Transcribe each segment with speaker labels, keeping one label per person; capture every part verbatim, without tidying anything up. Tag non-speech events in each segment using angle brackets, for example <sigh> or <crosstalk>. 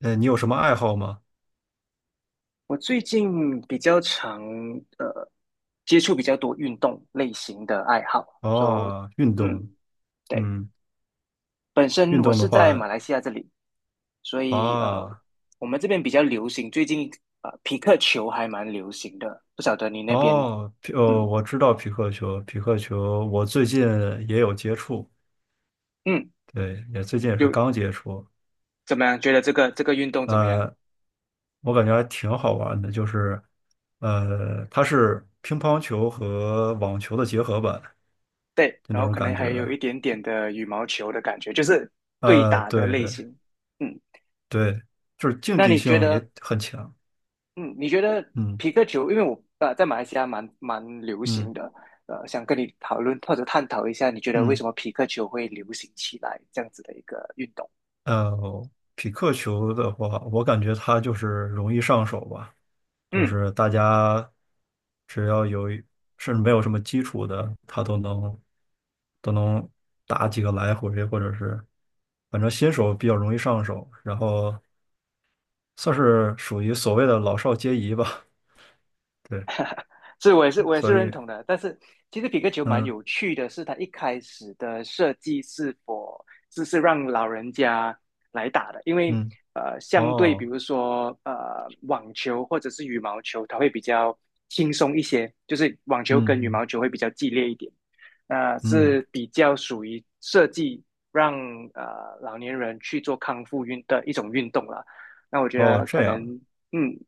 Speaker 1: 呃，你有什么爱好吗？
Speaker 2: 我最近比较常呃接触比较多运动类型的爱好，说、so,
Speaker 1: 哦，运
Speaker 2: 嗯，
Speaker 1: 动。
Speaker 2: 对。
Speaker 1: 嗯，
Speaker 2: 本身
Speaker 1: 运
Speaker 2: 我
Speaker 1: 动的
Speaker 2: 是在
Speaker 1: 话，
Speaker 2: 马来西亚这里，所以呃
Speaker 1: 啊，
Speaker 2: 我们这边比较流行，最近呃匹克球还蛮流行的，不晓得你那边。
Speaker 1: 哦，匹哦，
Speaker 2: 嗯
Speaker 1: 我知道匹克球，匹克球，我最近也有接触。
Speaker 2: 嗯
Speaker 1: 对，也最近也是
Speaker 2: 有。
Speaker 1: 刚接触。
Speaker 2: 怎么样？觉得这个这个运动怎么样？
Speaker 1: 呃，我感觉还挺好玩的，就是，呃，它是乒乓球和网球的结合版，
Speaker 2: 对，
Speaker 1: 就
Speaker 2: 然
Speaker 1: 那
Speaker 2: 后
Speaker 1: 种
Speaker 2: 可能
Speaker 1: 感觉
Speaker 2: 还有
Speaker 1: 的。
Speaker 2: 一点点的羽毛球的感觉，就是对
Speaker 1: 呃，
Speaker 2: 打的
Speaker 1: 对
Speaker 2: 类
Speaker 1: 对
Speaker 2: 型。嗯。
Speaker 1: 对，就是竞
Speaker 2: 那
Speaker 1: 技
Speaker 2: 你觉
Speaker 1: 性
Speaker 2: 得
Speaker 1: 也很强。
Speaker 2: 嗯，你觉得
Speaker 1: 嗯
Speaker 2: 皮克球，因为我呃在马来西亚蛮蛮流
Speaker 1: 嗯
Speaker 2: 行的，呃，想跟你讨论或者探讨一下，你觉得为
Speaker 1: 嗯。
Speaker 2: 什么皮克球会流行起来这样子的一个运动？
Speaker 1: 呃，匹克球的话，我感觉它就是容易上手吧。就
Speaker 2: 嗯。
Speaker 1: 是大家只要有一甚至没有什么基础的，他都能都能打几个来回，或者是反正新手比较容易上手，然后算是属于所谓的老少皆宜吧。对，
Speaker 2: 是，我也是，我也是
Speaker 1: 所
Speaker 2: 认
Speaker 1: 以
Speaker 2: 同的。但是其实皮克球蛮
Speaker 1: 嗯
Speaker 2: 有趣的是，它一开始的设计是否是是让老人家来打的，因为
Speaker 1: 嗯，
Speaker 2: 呃，相对比
Speaker 1: 哦，
Speaker 2: 如说呃网球或者是羽毛球，它会比较轻松一些，就是网球
Speaker 1: 嗯
Speaker 2: 跟羽
Speaker 1: 嗯
Speaker 2: 毛球会比较激烈一点，呃，
Speaker 1: 嗯，
Speaker 2: 是比较属于设计让呃老年人去做康复运的一种运动了。那我觉
Speaker 1: 哦
Speaker 2: 得可
Speaker 1: 这
Speaker 2: 能
Speaker 1: 样，
Speaker 2: 嗯，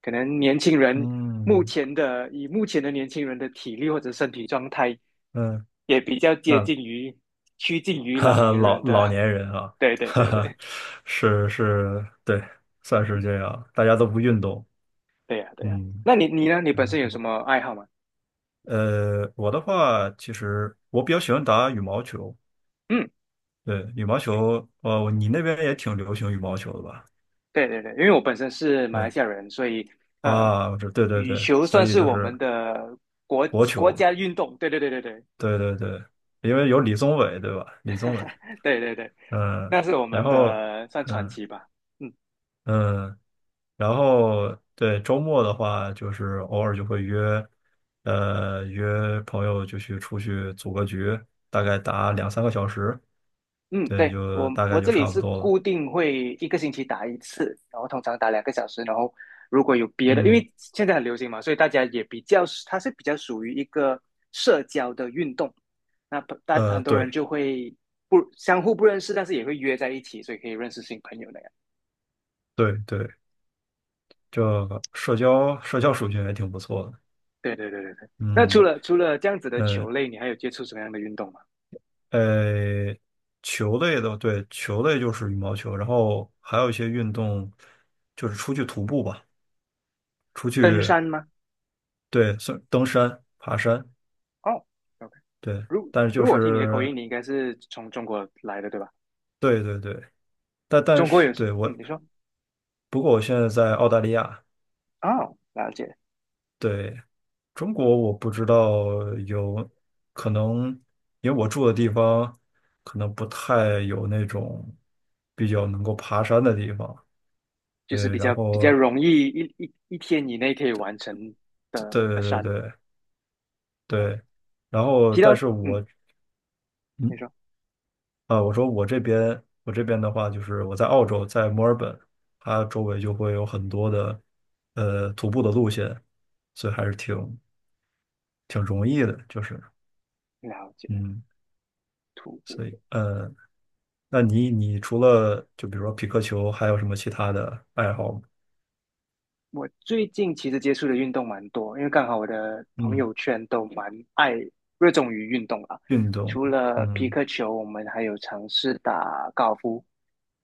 Speaker 2: 可能年轻人目
Speaker 1: 嗯
Speaker 2: 前的，以目前的年轻人的体力或者身体状态，
Speaker 1: 嗯，
Speaker 2: 也比较接
Speaker 1: 那
Speaker 2: 近于趋近
Speaker 1: <laughs>
Speaker 2: 于
Speaker 1: 哈
Speaker 2: 老
Speaker 1: 哈，
Speaker 2: 年
Speaker 1: 老
Speaker 2: 人
Speaker 1: 老
Speaker 2: 的。
Speaker 1: 年人啊，
Speaker 2: <laughs> 对
Speaker 1: <laughs>
Speaker 2: 对
Speaker 1: 哈
Speaker 2: 对
Speaker 1: 哈，
Speaker 2: 对，
Speaker 1: 是是，对，算是这样，大家都不运动。
Speaker 2: 对呀对呀。
Speaker 1: 嗯，
Speaker 2: 那你你呢？你
Speaker 1: 呃，
Speaker 2: 本身有
Speaker 1: 不
Speaker 2: 什
Speaker 1: 过，
Speaker 2: 么爱好吗？
Speaker 1: 呃，我的话，其实我比较喜欢打羽毛球。
Speaker 2: 嗯，
Speaker 1: 对，羽毛球。哦，你那边也挺流行羽毛球的吧？
Speaker 2: 对对对，因为我本身是马来
Speaker 1: 嗯，
Speaker 2: 西亚人，所以呃，
Speaker 1: 啊，我知，对对
Speaker 2: 羽
Speaker 1: 对，
Speaker 2: 球
Speaker 1: 所
Speaker 2: 算
Speaker 1: 以
Speaker 2: 是
Speaker 1: 就
Speaker 2: 我们
Speaker 1: 是
Speaker 2: 的国
Speaker 1: 国
Speaker 2: 国
Speaker 1: 球。
Speaker 2: 家运动。对对对对对
Speaker 1: 对对对，因为有李宗伟，对吧？李宗伟，
Speaker 2: <laughs> 对对对，
Speaker 1: 嗯。
Speaker 2: 那是我
Speaker 1: 然
Speaker 2: 们
Speaker 1: 后，
Speaker 2: 的算传
Speaker 1: 嗯
Speaker 2: 奇吧。嗯。
Speaker 1: 嗯。然后对周末的话，就是偶尔就会约，呃，约朋友就去出去组个局，大概打两三个小时。
Speaker 2: 嗯，
Speaker 1: 对，
Speaker 2: 对，
Speaker 1: 就
Speaker 2: 我
Speaker 1: 大概
Speaker 2: 我
Speaker 1: 就
Speaker 2: 这里
Speaker 1: 差不
Speaker 2: 是
Speaker 1: 多了。
Speaker 2: 固定会一个星期打一次，然后通常打两个小时，然后如果有别的，因
Speaker 1: 嗯，
Speaker 2: 为现在很流行嘛，所以大家也比较，它是比较属于一个社交的运动。那大
Speaker 1: 呃，
Speaker 2: 很多人
Speaker 1: 对
Speaker 2: 就会不相互不认识，但是也会约在一起，所以可以认识新朋友那样。
Speaker 1: 对对，这个社交社交属性也挺不错的。
Speaker 2: 对对对对对。那除
Speaker 1: 嗯，
Speaker 2: 了除了这样子的
Speaker 1: 呃
Speaker 2: 球类，你还有接触什么样的运动吗？
Speaker 1: 呃，球类的，对，球类就是羽毛球，然后还有一些运动，就是出去徒步吧。出
Speaker 2: 登
Speaker 1: 去，
Speaker 2: 山吗？
Speaker 1: 对，算登山、爬山。
Speaker 2: 哦，OK。
Speaker 1: 对，
Speaker 2: 如
Speaker 1: 但是就
Speaker 2: 如果我听你的口
Speaker 1: 是
Speaker 2: 音，你应该是从中国来的，对吧？
Speaker 1: 对对对，但但
Speaker 2: 中国
Speaker 1: 是
Speaker 2: 有什
Speaker 1: 对
Speaker 2: 嗯，
Speaker 1: 我，
Speaker 2: 你说。
Speaker 1: 不过我现在在澳大利亚。
Speaker 2: 哦，了解。
Speaker 1: 对，中国我不知道有可能，因为我住的地方可能不太有那种比较能够爬山的地方。
Speaker 2: 就是
Speaker 1: 对，
Speaker 2: 比
Speaker 1: 然
Speaker 2: 较比
Speaker 1: 后
Speaker 2: 较容易一一一天以内可以完成
Speaker 1: 对
Speaker 2: 的的
Speaker 1: 对对
Speaker 2: 山。
Speaker 1: 对
Speaker 2: 呃，
Speaker 1: 对，然后
Speaker 2: 提到
Speaker 1: 但是
Speaker 2: 嗯，
Speaker 1: 我。
Speaker 2: 你
Speaker 1: 嗯。
Speaker 2: 说。
Speaker 1: 啊，我说我这边，我这边的话，就是我在澳洲，在墨尔本，它周围就会有很多的呃徒步的路线，所以还是挺挺容易的，就是
Speaker 2: 了解。
Speaker 1: 嗯，
Speaker 2: 徒步，
Speaker 1: 所以呃，那你你除了就比如说匹克球，还有什么其他的爱好吗？
Speaker 2: 我最近其实接触的运动蛮多，因为刚好我的朋
Speaker 1: 嗯，
Speaker 2: 友圈都蛮爱热衷于运动啦。
Speaker 1: 运动，
Speaker 2: 除了皮
Speaker 1: 嗯
Speaker 2: 克球，我们还有尝试打高尔夫，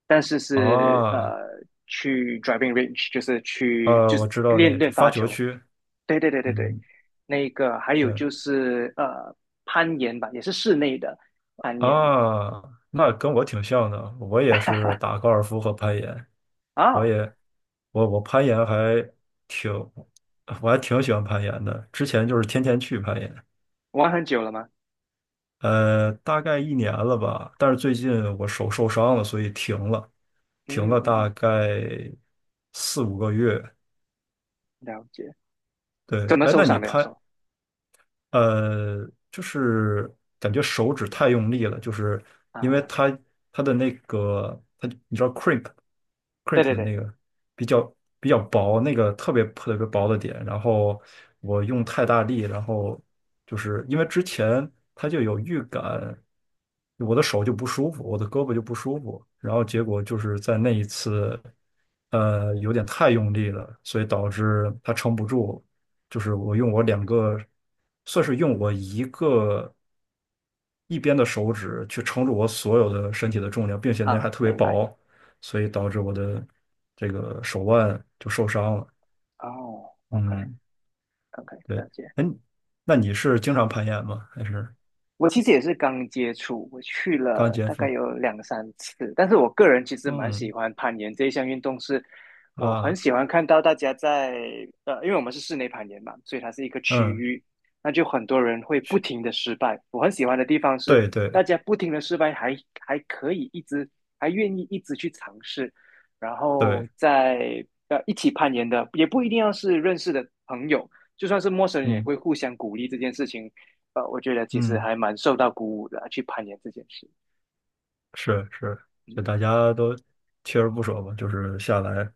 Speaker 2: 但是是
Speaker 1: 啊，
Speaker 2: 呃去 driving range，就是去
Speaker 1: 啊，
Speaker 2: 就是
Speaker 1: 我知道那
Speaker 2: 练
Speaker 1: 个就
Speaker 2: 练
Speaker 1: 发
Speaker 2: 发
Speaker 1: 球
Speaker 2: 球。
Speaker 1: 区。
Speaker 2: 对对对对对，
Speaker 1: 嗯，
Speaker 2: 那个还有
Speaker 1: 对
Speaker 2: 就是呃攀岩吧，也是室内的攀岩
Speaker 1: 啊，那跟我挺像的，我也是打高尔夫和攀岩。我
Speaker 2: 啊。
Speaker 1: 也我我攀岩还挺，我还挺喜欢攀岩的。之前就是天天去攀岩，
Speaker 2: 玩很久了吗？
Speaker 1: 呃，大概一年了吧。但是最近我手受伤了，所以停了，停
Speaker 2: 嗯
Speaker 1: 了
Speaker 2: 嗯
Speaker 1: 大
Speaker 2: 嗯，
Speaker 1: 概四五个月。
Speaker 2: 了解。
Speaker 1: 对，
Speaker 2: 怎么
Speaker 1: 哎，
Speaker 2: 受
Speaker 1: 那你
Speaker 2: 伤的呀？
Speaker 1: 攀
Speaker 2: 说
Speaker 1: 呃，就是感觉手指太用力了，就是因为
Speaker 2: 啊，
Speaker 1: 它它的那个它，你知道 c r e e p c r e e
Speaker 2: 对
Speaker 1: p
Speaker 2: 对
Speaker 1: 的
Speaker 2: 对
Speaker 1: 那个比较比较薄，那个特别特别薄的点，然后我用太大力，然后就是因为之前他就有预感，我的手就不舒服，我的胳膊就不舒服，然后结果就是在那一次，呃，有点太用力了，所以导致它撑不住，就是我用我两个，算是用我一个一边的手指去撑住我所有的身体的重量，并且那
Speaker 2: 啊，
Speaker 1: 还特别
Speaker 2: 明白。
Speaker 1: 薄，所以导致我的这个手腕就受伤了。
Speaker 2: 哦，OK。
Speaker 1: 嗯，
Speaker 2: OK，
Speaker 1: 对。
Speaker 2: 了解。
Speaker 1: 哎，那你是经常攀岩吗？还是
Speaker 2: 我其实也是刚接触，我去
Speaker 1: 刚
Speaker 2: 了
Speaker 1: 接
Speaker 2: 大概
Speaker 1: 触？
Speaker 2: 有两三次，但是我个人其实蛮喜
Speaker 1: 嗯
Speaker 2: 欢攀岩这一项运动是，我很
Speaker 1: 啊，
Speaker 2: 喜欢看到大家在呃，因为我们是室内攀岩嘛，所以它是一个区
Speaker 1: 嗯，
Speaker 2: 域，那就很多人会不停的失败。我很喜欢的地方是，
Speaker 1: 对
Speaker 2: 大
Speaker 1: 对
Speaker 2: 家不停的失败还还可以一直还愿意一直去尝试，然后
Speaker 1: 对，
Speaker 2: 在呃一起攀岩的也不一定要是认识的朋友，就算是陌生人也
Speaker 1: 嗯
Speaker 2: 会互相鼓励这件事情。呃，我觉得其实
Speaker 1: 嗯。
Speaker 2: 还蛮受到鼓舞的啊去攀岩这件事。
Speaker 1: 是是，就
Speaker 2: 嗯，
Speaker 1: 大家都锲而不舍吧，就是下来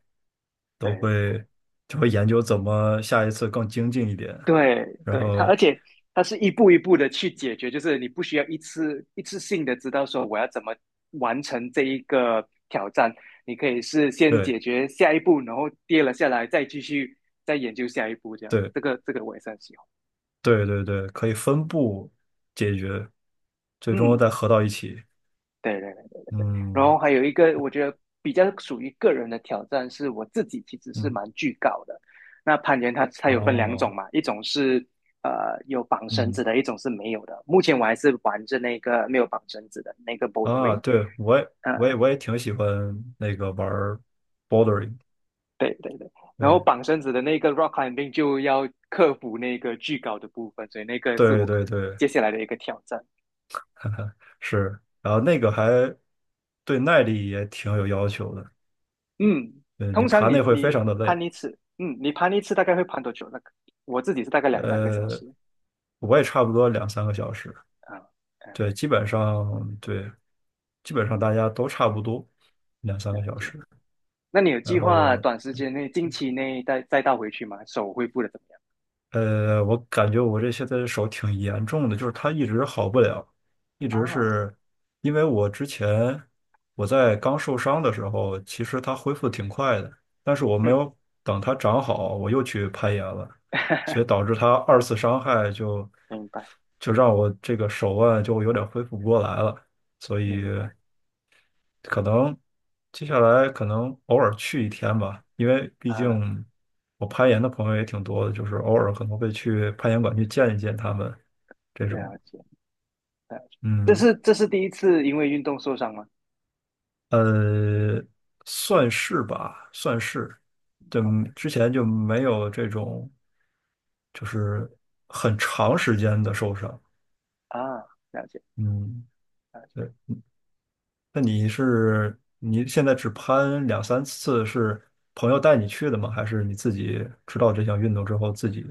Speaker 1: 都
Speaker 2: 对
Speaker 1: 会就会研究怎么下一次更精进一点，
Speaker 2: 对
Speaker 1: 然
Speaker 2: 对。它
Speaker 1: 后
Speaker 2: 而且它是一步一步的去解决，就是你不需要一次一次性的知道说我要怎么完成这一个挑战，你可以是先
Speaker 1: 对
Speaker 2: 解决下一步，然后跌了下来，再继续再研究下一步这样子。
Speaker 1: 对
Speaker 2: 这个这个我也是很喜欢。
Speaker 1: 对对对，可以分步解决，最终再
Speaker 2: 嗯，
Speaker 1: 合到一起。
Speaker 2: 对对。然
Speaker 1: 嗯
Speaker 2: 后还有一个，我觉得比较属于个人的挑战，是我自己其实是
Speaker 1: 嗯，
Speaker 2: 蛮惧高的。那攀岩它它有分两种
Speaker 1: 哦，
Speaker 2: 嘛，一种是呃有绑绳子
Speaker 1: 嗯，
Speaker 2: 的，一种是没有的。目前我还是玩着那个没有绑绳子的那个
Speaker 1: 啊，
Speaker 2: bouldering。
Speaker 1: 对我也我也
Speaker 2: 呃，
Speaker 1: 我也挺喜欢那个玩 b o r d e r i n g
Speaker 2: 对对对。然后
Speaker 1: 对
Speaker 2: 绑绳子的那个 rock climbing 就要克服那个巨高的部分，所以那个是
Speaker 1: 对
Speaker 2: 我可
Speaker 1: 对
Speaker 2: 能
Speaker 1: 对。
Speaker 2: 接下来的一个挑战。
Speaker 1: <laughs> 是，然后那个还对耐力也挺有要求的。
Speaker 2: 嗯。
Speaker 1: 呃，你
Speaker 2: 通常
Speaker 1: 爬那
Speaker 2: 你
Speaker 1: 会非
Speaker 2: 你
Speaker 1: 常的
Speaker 2: 攀
Speaker 1: 累。
Speaker 2: 一次，嗯，你攀一次大概会攀多久？那个我自己是大概两三个小
Speaker 1: 呃，
Speaker 2: 时
Speaker 1: 我也差不多两三个小时。
Speaker 2: 啊。
Speaker 1: 对，
Speaker 2: OK。
Speaker 1: 基本上对，基本上大家都差不多两三个
Speaker 2: 了
Speaker 1: 小
Speaker 2: 解。
Speaker 1: 时。
Speaker 2: 那你有
Speaker 1: 然
Speaker 2: 计划
Speaker 1: 后
Speaker 2: 短时间内、近期内再再倒回去吗？手恢复的怎么样？
Speaker 1: 呃，我感觉我这现在手挺严重的，就是它一直好不了，一直
Speaker 2: 啊，
Speaker 1: 是因为我之前我在刚受伤的时候，其实它恢复挺快的，但是我没
Speaker 2: 嗯，
Speaker 1: 有等它长好，我又去攀岩了，所以
Speaker 2: <laughs>
Speaker 1: 导致它二次伤害就
Speaker 2: 明白，
Speaker 1: 就让我这个手腕就有点恢复不过来了，所以。
Speaker 2: 明白。
Speaker 1: 可能接下来可能偶尔去一天吧，因为毕
Speaker 2: 啊，
Speaker 1: 竟我攀岩的朋友也挺多的，就是偶尔可能会去攀岩馆去见一见他们这种。
Speaker 2: 了解，了解。这
Speaker 1: 嗯，
Speaker 2: 是这是第一次因为运动受伤吗
Speaker 1: 呃，算是吧，算是，就
Speaker 2: ？OK。
Speaker 1: 之前就没有这种就是很长时间的受伤。
Speaker 2: 啊，了解，
Speaker 1: 嗯，
Speaker 2: 了解。
Speaker 1: 对。那你是你现在只攀两三次，是朋友带你去的吗？还是你自己知道这项运动之后自己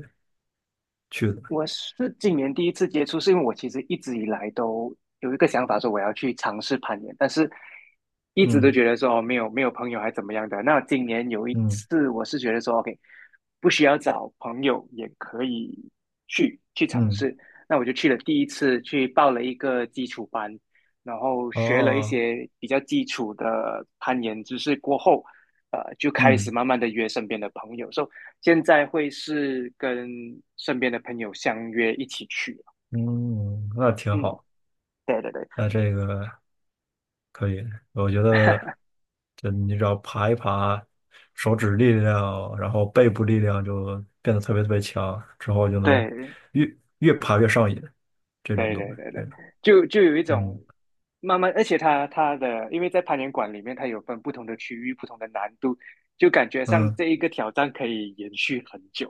Speaker 1: 去的？
Speaker 2: 我是今年第一次接触，是因为我其实一直以来都有一个想法，说我要去尝试攀岩，但是一直都
Speaker 1: 嗯
Speaker 2: 觉得说哦没有没有朋友还怎么样的。那今年有一
Speaker 1: 嗯
Speaker 2: 次，我是觉得说，OK，不需要找朋友也可以去去尝
Speaker 1: 嗯，
Speaker 2: 试。那我就去了第一次，去报了一个基础班，然后学了一
Speaker 1: 哦，
Speaker 2: 些比较基础的攀岩知识过后，呃，就开始
Speaker 1: 嗯
Speaker 2: 慢慢的约身边的朋友。说。现在会是跟身边的朋友相约一起去啊。
Speaker 1: 嗯，那挺
Speaker 2: 嗯，
Speaker 1: 好。
Speaker 2: 对对对
Speaker 1: 那这个可以，我觉得就你只要爬一爬，手指力量，然后背部力量就变得特别特别强，之后就能
Speaker 2: 对
Speaker 1: 越越爬越上瘾，这种
Speaker 2: 对
Speaker 1: 东
Speaker 2: 对
Speaker 1: 西，
Speaker 2: 对对。
Speaker 1: 这个，
Speaker 2: 就就有一
Speaker 1: 嗯
Speaker 2: 种慢慢，而且它它的，因为在攀岩馆里面，它有分不同的区域、不同的难度，就感觉上
Speaker 1: 嗯，
Speaker 2: 这一个挑战可以延续很久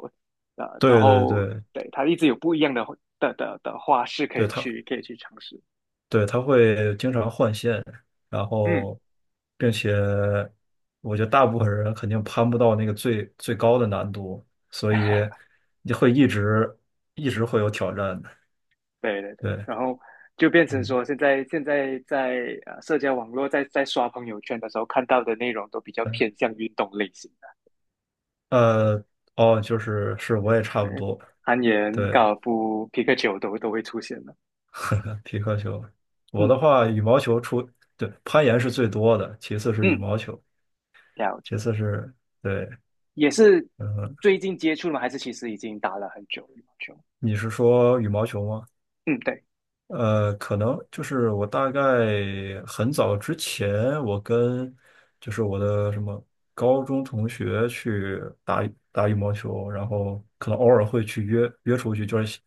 Speaker 2: 啊、呃然
Speaker 1: 对对
Speaker 2: 后
Speaker 1: 对。
Speaker 2: 对它一直有不一样的的的的花式可
Speaker 1: 对，
Speaker 2: 以
Speaker 1: 它
Speaker 2: 去可以去尝试。
Speaker 1: 对，他会经常换线，然
Speaker 2: 嗯，
Speaker 1: 后，并且我觉得大部分人肯定攀不到那个最最高的难度，所以你会一直一直会有挑战的。
Speaker 2: 对对对。
Speaker 1: 对，
Speaker 2: 然后就变成
Speaker 1: 嗯，
Speaker 2: 说，现在现在在呃社交网络在在刷朋友圈的时候看到的内容都比较偏向运动类型的。
Speaker 1: 呃，哦，就是是我也差不
Speaker 2: 对，
Speaker 1: 多。
Speaker 2: 攀岩、
Speaker 1: 对，
Speaker 2: 高尔夫、皮克球都都会出现的。
Speaker 1: 皮克球，我
Speaker 2: 嗯
Speaker 1: 的话羽毛球出，对，攀岩是最多的，其次是羽
Speaker 2: 嗯，
Speaker 1: 毛球，
Speaker 2: 了
Speaker 1: 其
Speaker 2: 解，
Speaker 1: 次是对。
Speaker 2: 也是
Speaker 1: 嗯，
Speaker 2: 最近接触了吗？还是其实已经打了很久羽毛球？
Speaker 1: 你是说羽毛球吗？
Speaker 2: 嗯，对
Speaker 1: 呃，可能就是我大概很早之前，我跟就是我的什么高中同学去打打羽毛球，然后可能偶尔会去约约出去，就是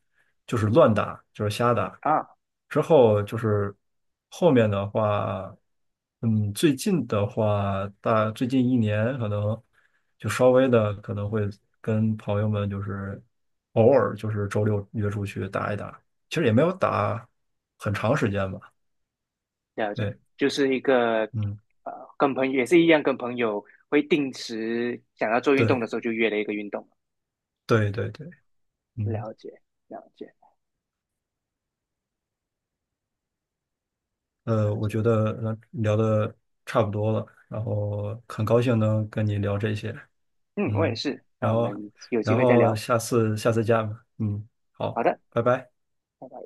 Speaker 1: 就是乱打，就是瞎打。
Speaker 2: 啊，
Speaker 1: 之后就是后面的话，嗯，最近的话，大最近一年可能就稍微的可能会跟朋友们就是偶尔就是周六约出去打一打。其实也没有打很长时间吧。
Speaker 2: 了解，
Speaker 1: 对，
Speaker 2: 就是一个
Speaker 1: 嗯，
Speaker 2: 呃，跟朋友也是一样，跟朋友会定时想要做运
Speaker 1: 对，
Speaker 2: 动的时候就约了一个运动。
Speaker 1: 对，对，对，嗯，
Speaker 2: 了解，了解，
Speaker 1: 呃，
Speaker 2: 了
Speaker 1: 我
Speaker 2: 解。
Speaker 1: 觉得呃聊的差不多了，然后很高兴能跟你聊这些。
Speaker 2: 嗯，我也
Speaker 1: 嗯，
Speaker 2: 是。那
Speaker 1: 然
Speaker 2: 我
Speaker 1: 后，
Speaker 2: 们有机
Speaker 1: 然
Speaker 2: 会再
Speaker 1: 后
Speaker 2: 聊。
Speaker 1: 下次下次见吧。嗯，好，
Speaker 2: 好的，
Speaker 1: 拜拜。
Speaker 2: 拜拜。